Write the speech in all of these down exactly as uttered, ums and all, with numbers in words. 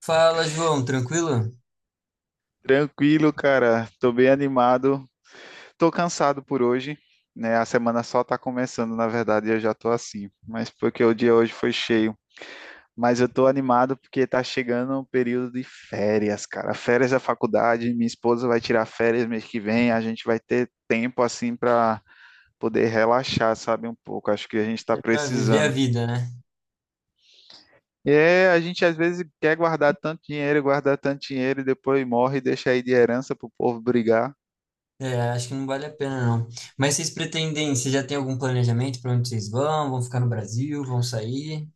Fala, João, tranquilo? Tranquilo, cara. Tô bem animado. Tô cansado por hoje, né? A semana só tá começando, na verdade, e eu já tô assim. Mas porque o dia hoje foi cheio. Mas eu tô animado porque tá chegando o período de férias, cara. Férias da faculdade, minha esposa vai tirar férias mês que vem, a gente vai ter tempo assim para poder relaxar, sabe, um pouco. Acho que a gente tá É pra viver a precisando. vida, né? E é, a gente às vezes quer guardar tanto dinheiro, guardar tanto dinheiro e depois morre e deixa aí de herança pro povo brigar. É, acho que não vale a pena, não. Mas vocês pretendem, vocês já têm algum planejamento para onde vocês vão? Vão ficar no Brasil? Vão sair?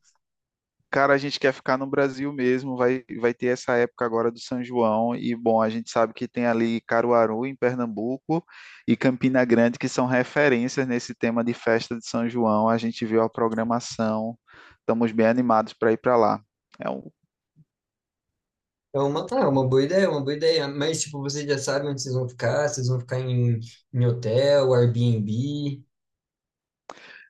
Cara, a gente quer ficar no Brasil mesmo, vai, vai ter essa época agora do São João, e bom, a gente sabe que tem ali Caruaru, em Pernambuco, e Campina Grande, que são referências nesse tema de festa de São João. A gente viu a programação, estamos bem animados para ir para lá. É um, É uma, ah, é uma boa ideia, é uma boa ideia. Mas, tipo, vocês já sabem onde vocês vão ficar, vocês vão ficar em, em hotel, Airbnb.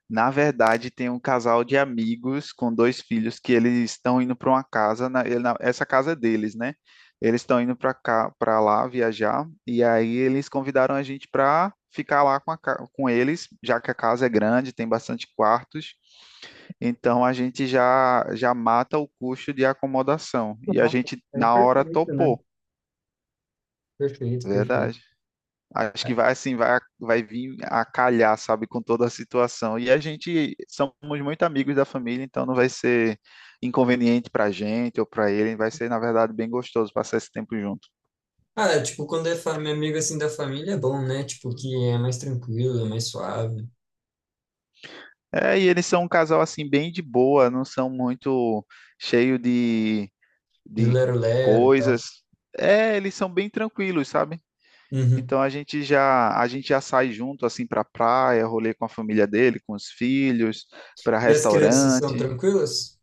Na verdade, tem um casal de amigos com dois filhos que eles estão indo para uma casa, na, ele- na- essa casa é deles, né? Eles estão indo para cá, para lá viajar, e aí eles convidaram a gente para ficar lá com, a ca- com eles, já que a casa é grande, tem bastante quartos. Então a gente já já mata o custo de acomodação. E a Ah, gente É na hora perfeito, né? topou, Perfeito, perfeito. verdade. Acho que vai assim, vai, vai vir a calhar, sabe, com toda a situação. E a gente somos muito amigos da família, então não vai ser inconveniente para a gente ou para ele, vai ser, na verdade, bem gostoso passar esse tempo junto. Ah, é, tipo, quando é família, amigo assim da família é bom, né? Tipo, que é mais tranquilo, é mais suave, É, e eles são um casal assim bem de boa, não são muito cheio de, de de lero-lero e tal. coisas. É, eles são bem tranquilos, sabe? Uhum. Então a gente já a gente já sai junto assim para praia, rolê com a família dele, com os filhos, para E as crianças são restaurante. tranquilas?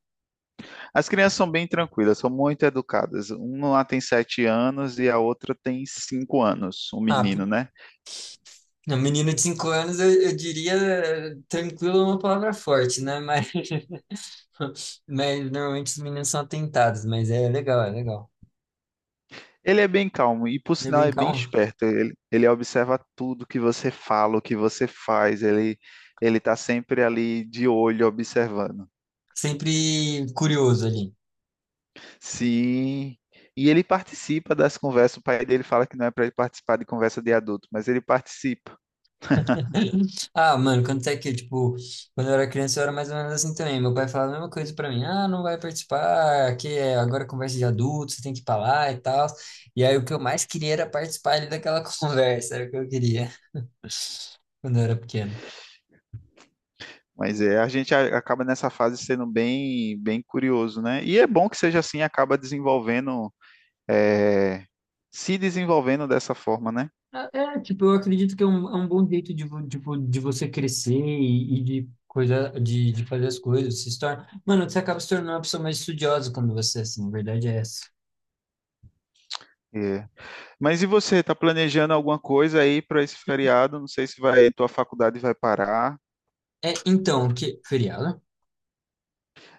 As crianças são bem tranquilas, são muito educadas. Uma lá tem sete anos e a outra tem cinco anos, um Ah, menino, p- né? a menina de cinco anos, eu, eu diria, eh, tranquilo é uma palavra forte, né? Mas, mas normalmente os meninos são atentados, mas é legal, é legal. Ele é bem calmo e, por Ele é sinal, bem é bem calmo. esperto. Ele, ele observa tudo que você fala, o que você faz. Ele ele está sempre ali de olho, observando. Sempre curioso ali. Sim. E ele participa das conversas. O pai dele fala que não é para ele participar de conversa de adulto, mas ele participa. Ah, mano, quando é que, tipo, quando eu era criança eu era mais ou menos assim também. Meu pai falava a mesma coisa pra mim. Ah, não vai participar, que é agora é conversa de adulto, você tem que ir pra lá e tal. E aí o que eu mais queria era participar ali daquela conversa, era o que eu queria quando eu era pequeno. Mas é, a gente a- acaba nessa fase sendo bem, bem curioso, né? E é bom que seja assim, acaba desenvolvendo, é, se desenvolvendo dessa forma, né? É, é, tipo, eu acredito que é um, é um bom jeito de, vo- tipo, de você crescer e, e de coisa, de, de fazer as coisas, se torna... Mano, você acaba se tornando uma pessoa mais estudiosa quando você é assim, a verdade é essa. É. Mas e você, está planejando alguma coisa aí para esse feriado? Não sei se vai, tua faculdade vai parar. É, então, que feriado?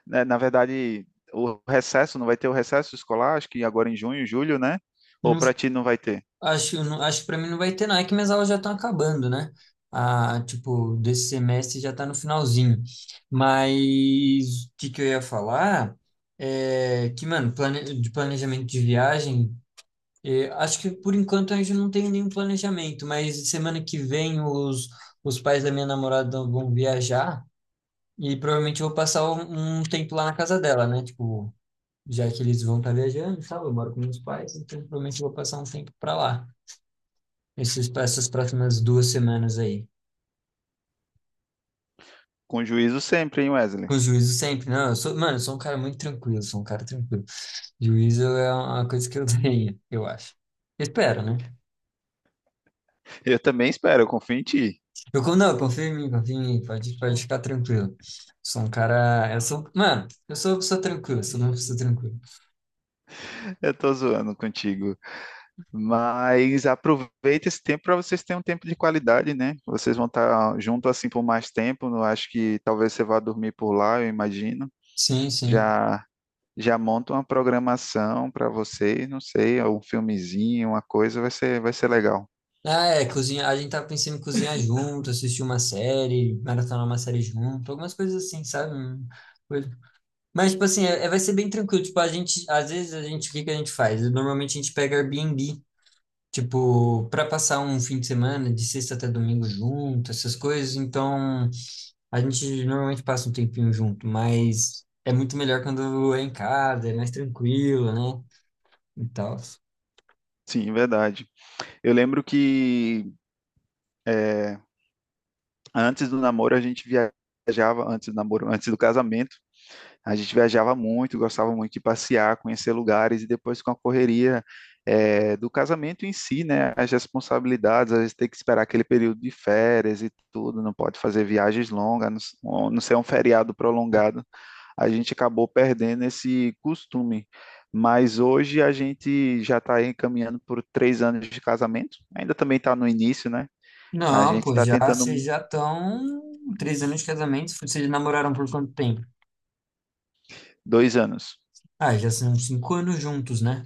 Né? Na verdade, o recesso, não vai ter o recesso escolar, acho que agora em junho, julho, né? Ou Não, para ti não vai ter? acho, não, acho que pra mim não vai ter não, é que minhas aulas já estão acabando, né? Ah, tipo, desse semestre já tá no finalzinho. Mas o que que eu ia falar? É que, mano, plane, de planejamento de viagem. E acho que por enquanto a gente não tem nenhum planejamento, mas semana que vem os, os pais da minha namorada vão viajar e provavelmente eu vou passar um, um tempo lá na casa dela, né? Tipo, já que eles vão estar viajando e tal, eu moro com meus pais, então provavelmente eu vou passar um tempo para lá, esses, essas próximas duas semanas aí. Com juízo sempre, hein, Wesley? Com juízo sempre, não, eu sou, mano, eu sou um cara muito tranquilo, eu sou um cara tranquilo. Juízo é uma coisa que eu tenho, eu acho. Espero, né? Eu também espero, eu confio em ti. Eu, con- não, confia em mim, confia em mim, pode, pode ficar tranquilo. Sou um cara. Eu sou, mano, eu sou uma pessoa tranquila, sou uma pessoa tranquila. Eu tô zoando contigo. Mas aproveita esse tempo para vocês terem um tempo de qualidade, né? Vocês vão estar junto assim por mais tempo. Eu acho que talvez você vá dormir por lá, eu imagino. Sim, sim. Já já monta uma programação para vocês, não sei, um filmezinho, uma coisa, vai ser vai ser legal. Ah, é, cozinhar. A gente tava pensando em cozinhar junto, assistir uma série, maratonar uma série junto, algumas coisas assim, sabe? Hum, coisa- Mas, tipo assim, é, é- vai ser bem tranquilo. Tipo, a gente, às vezes a gente, o que que a gente faz? Normalmente a gente pega Airbnb. Tipo, para passar um fim de semana, de sexta até domingo junto, essas coisas. Então, a gente normalmente passa um tempinho junto, mas é muito melhor quando é em casa, é mais tranquilo, né? E tal. Sim, verdade. Eu lembro que é, antes do namoro a gente viajava, antes do namoro, antes do casamento, a gente viajava muito, gostava muito de passear, conhecer lugares e depois com a correria é, do casamento em si, né? As responsabilidades, a gente tem que esperar aquele período de férias e tudo, não pode fazer viagens longas, a não, s- a não ser um feriado prolongado. A gente acabou perdendo esse costume. Mas hoje a gente já está encaminhando por três anos de casamento, ainda também está no início, né? A Não, gente pô, está já tentando vocês um, já estão três anos de casamento. Vocês namoraram por quanto tempo? dois anos. Ah, já são cinco anos juntos, né?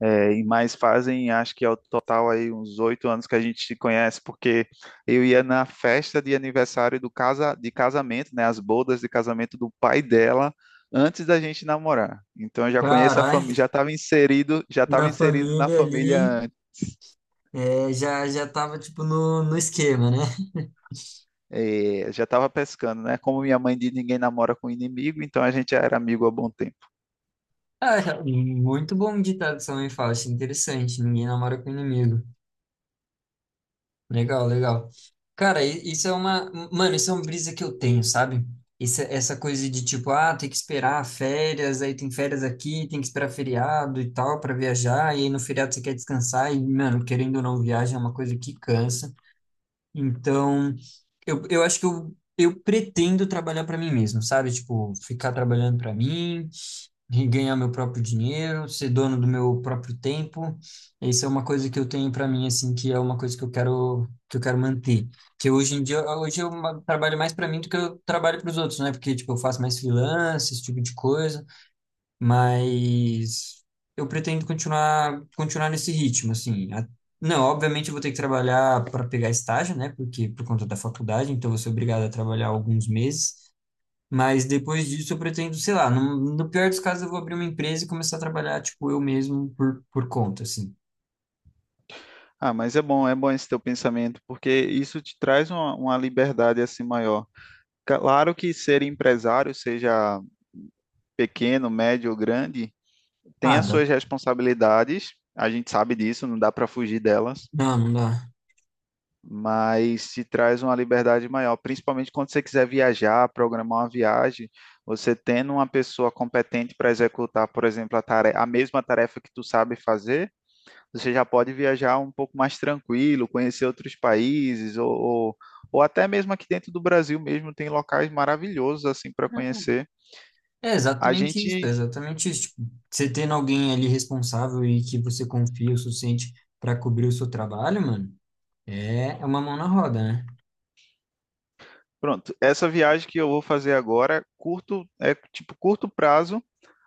É, e mais fazem, acho que ao total aí uns oito anos que a gente se conhece, porque eu ia na festa de aniversário do casa, de casamento, né, as bodas de casamento do pai dela, antes da gente namorar. Então eu já conheço a família, Caralho, já estava inserido, já estava na inserido na família família, ali, antes. é, já já tava tipo no, no esquema, né? é, já estava pescando, né? Como minha mãe diz, ninguém namora com inimigo, então a gente já era amigo há bom tempo. Ah, muito bom ditado sua mãe fala, achei interessante. Ninguém namora com inimigo. Legal, legal. Cara, i- isso é uma. Mano, isso é uma brisa que eu tenho, sabe? Isso, essa coisa de tipo, ah, tem que esperar férias, aí tem férias aqui, tem que esperar feriado e tal pra viajar, e aí no feriado você quer descansar, e, mano, querendo ou não, viagem é uma coisa que cansa. Então, eu, eu acho que eu, eu pretendo trabalhar pra mim mesmo, sabe? Tipo, ficar trabalhando pra mim e ganhar meu próprio dinheiro, ser dono do meu próprio tempo. Isso é uma coisa que eu tenho para mim assim, que é uma coisa que eu quero que eu quero manter. Que hoje em dia, hoje eu ma- trabalho mais para mim do que eu trabalho para os outros, né? Porque tipo, eu faço mais freelance, esse tipo de coisa, mas eu pretendo continuar continuar nesse ritmo assim. A- Não, obviamente eu vou ter que trabalhar para pegar estágio, né? Porque por conta da faculdade, então eu vou ser obrigado a trabalhar alguns meses. Mas depois disso eu pretendo, sei lá, no, no pior dos casos eu vou abrir uma empresa e começar a trabalhar, tipo, eu mesmo por, por conta, assim. Ah, mas é bom, é bom esse teu pensamento, porque isso te traz uma, uma liberdade assim maior. Claro que ser empresário, seja pequeno, médio ou grande, tem Ah, as dá. suas responsabilidades, a gente sabe disso, não dá para fugir delas, Não, não dá. mas se traz uma liberdade maior, principalmente quando você quiser viajar, programar uma viagem, você tendo uma pessoa competente para executar, por exemplo, a, tarefa, a mesma tarefa que tu sabe fazer, você já pode viajar um pouco mais tranquilo, conhecer outros países ou, ou, ou até mesmo aqui dentro do Brasil mesmo tem locais maravilhosos assim para conhecer. É A exatamente isso, é gente. exatamente isso. Tipo, você tendo alguém ali responsável e que você confia o suficiente para cobrir o seu trabalho, mano, é é uma mão na roda, né? Pronto, essa viagem que eu vou fazer agora, curto, é tipo curto prazo.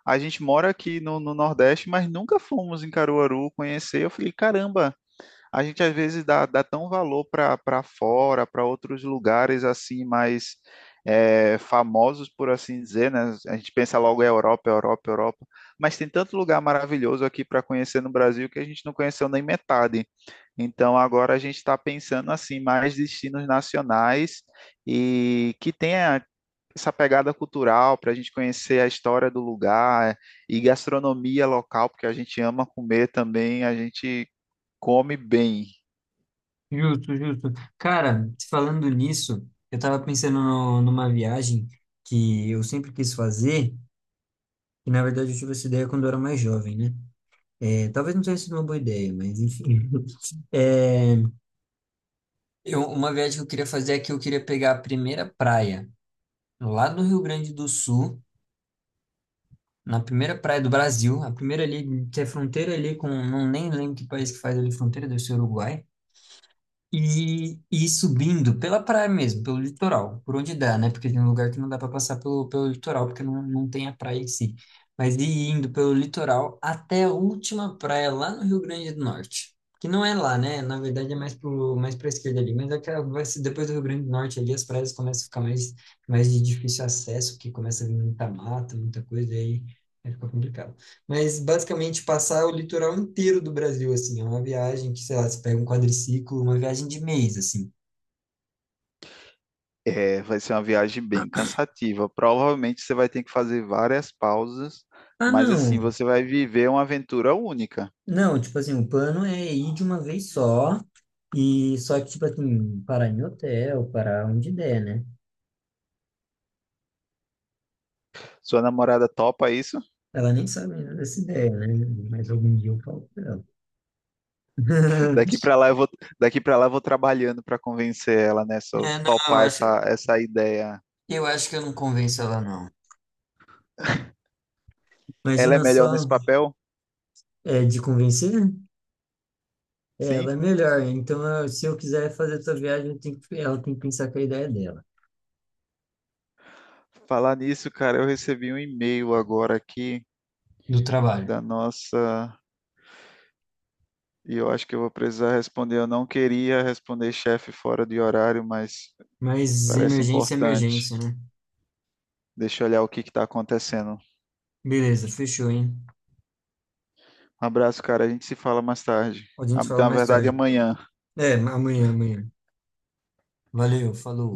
A gente mora aqui no, no Nordeste, mas nunca fomos em Caruaru conhecer. Eu falei, caramba, a gente às vezes dá, dá tão valor para fora, para outros lugares assim mais é, famosos, por assim dizer, né? A gente pensa logo em Europa, Europa, Europa, mas tem tanto lugar maravilhoso aqui para conhecer no Brasil que a gente não conheceu nem metade. Então agora a gente está pensando assim mais destinos nacionais e que tenha essa pegada cultural para a gente conhecer a história do lugar e gastronomia local, porque a gente ama comer também, a gente come bem. Justo, justo. Cara, falando nisso, eu tava pensando no- numa viagem que eu sempre quis fazer, e na verdade eu tive essa ideia quando eu era mais jovem, né? É, talvez não tenha sido uma boa ideia, mas enfim. É, Eu, uma viagem que eu queria fazer é que eu queria pegar a primeira praia lá do Rio Grande do Sul, na primeira praia do Brasil, a primeira ali, que é fronteira ali com, não nem lembro que país que faz ali fronteira, deve ser Uruguai. E, e ir subindo pela praia mesmo, pelo litoral, por onde dá, né? Porque tem um lugar que não dá para passar pelo, pelo litoral, porque não, não tem a praia em si. Mas ir indo pelo litoral até a última praia lá no Rio Grande do Norte. Que não é lá, né? Na verdade é mais pro, mais para esquerda ali. Mas aquela, vai ser, depois do Rio Grande do Norte ali, as praias começam a ficar mais, mais de difícil acesso, que começa a vir muita mata, muita coisa, e aí, aí fica complicado, mas basicamente passar o litoral inteiro do Brasil, assim, é uma viagem que, sei lá, você pega um quadriciclo, uma viagem de mês, assim. É, vai ser uma viagem bem cansativa. Provavelmente você vai ter que fazer várias pausas, Ah, mas assim, não. você vai viver uma aventura única. Não, tipo assim, o plano é ir de uma vez só e só que, tipo assim, parar em hotel, parar onde der, né? Sua namorada topa isso? Ela nem sabe ainda dessa ideia, né? Mas algum dia eu falo pra ela. Daqui para lá eu vou, daqui para lá eu vou trabalhando para convencer ela, né? Só É, não, eu topar acho, essa, essa ideia. eu acho que eu não convenço ela, não. Ela é Imagina melhor nesse só, papel? é, de convencer. É, Sim? ela é melhor. Então, eu- se eu quiser fazer essa viagem, eu tenho que- ela tem que pensar com a ideia dela. Falar nisso, cara, eu recebi um e-mail agora aqui Do trabalho. da nossa. E eu acho que eu vou precisar responder. Eu não queria responder chefe fora de horário, mas Mas parece emergência é importante. emergência, né? Deixa eu olhar o que está acontecendo. Beleza, fechou, hein? Um abraço, cara. A gente se fala mais tarde. A Ah, gente fala na mais verdade, tarde, então. amanhã. É, amanhã, amanhã. Valeu, falou.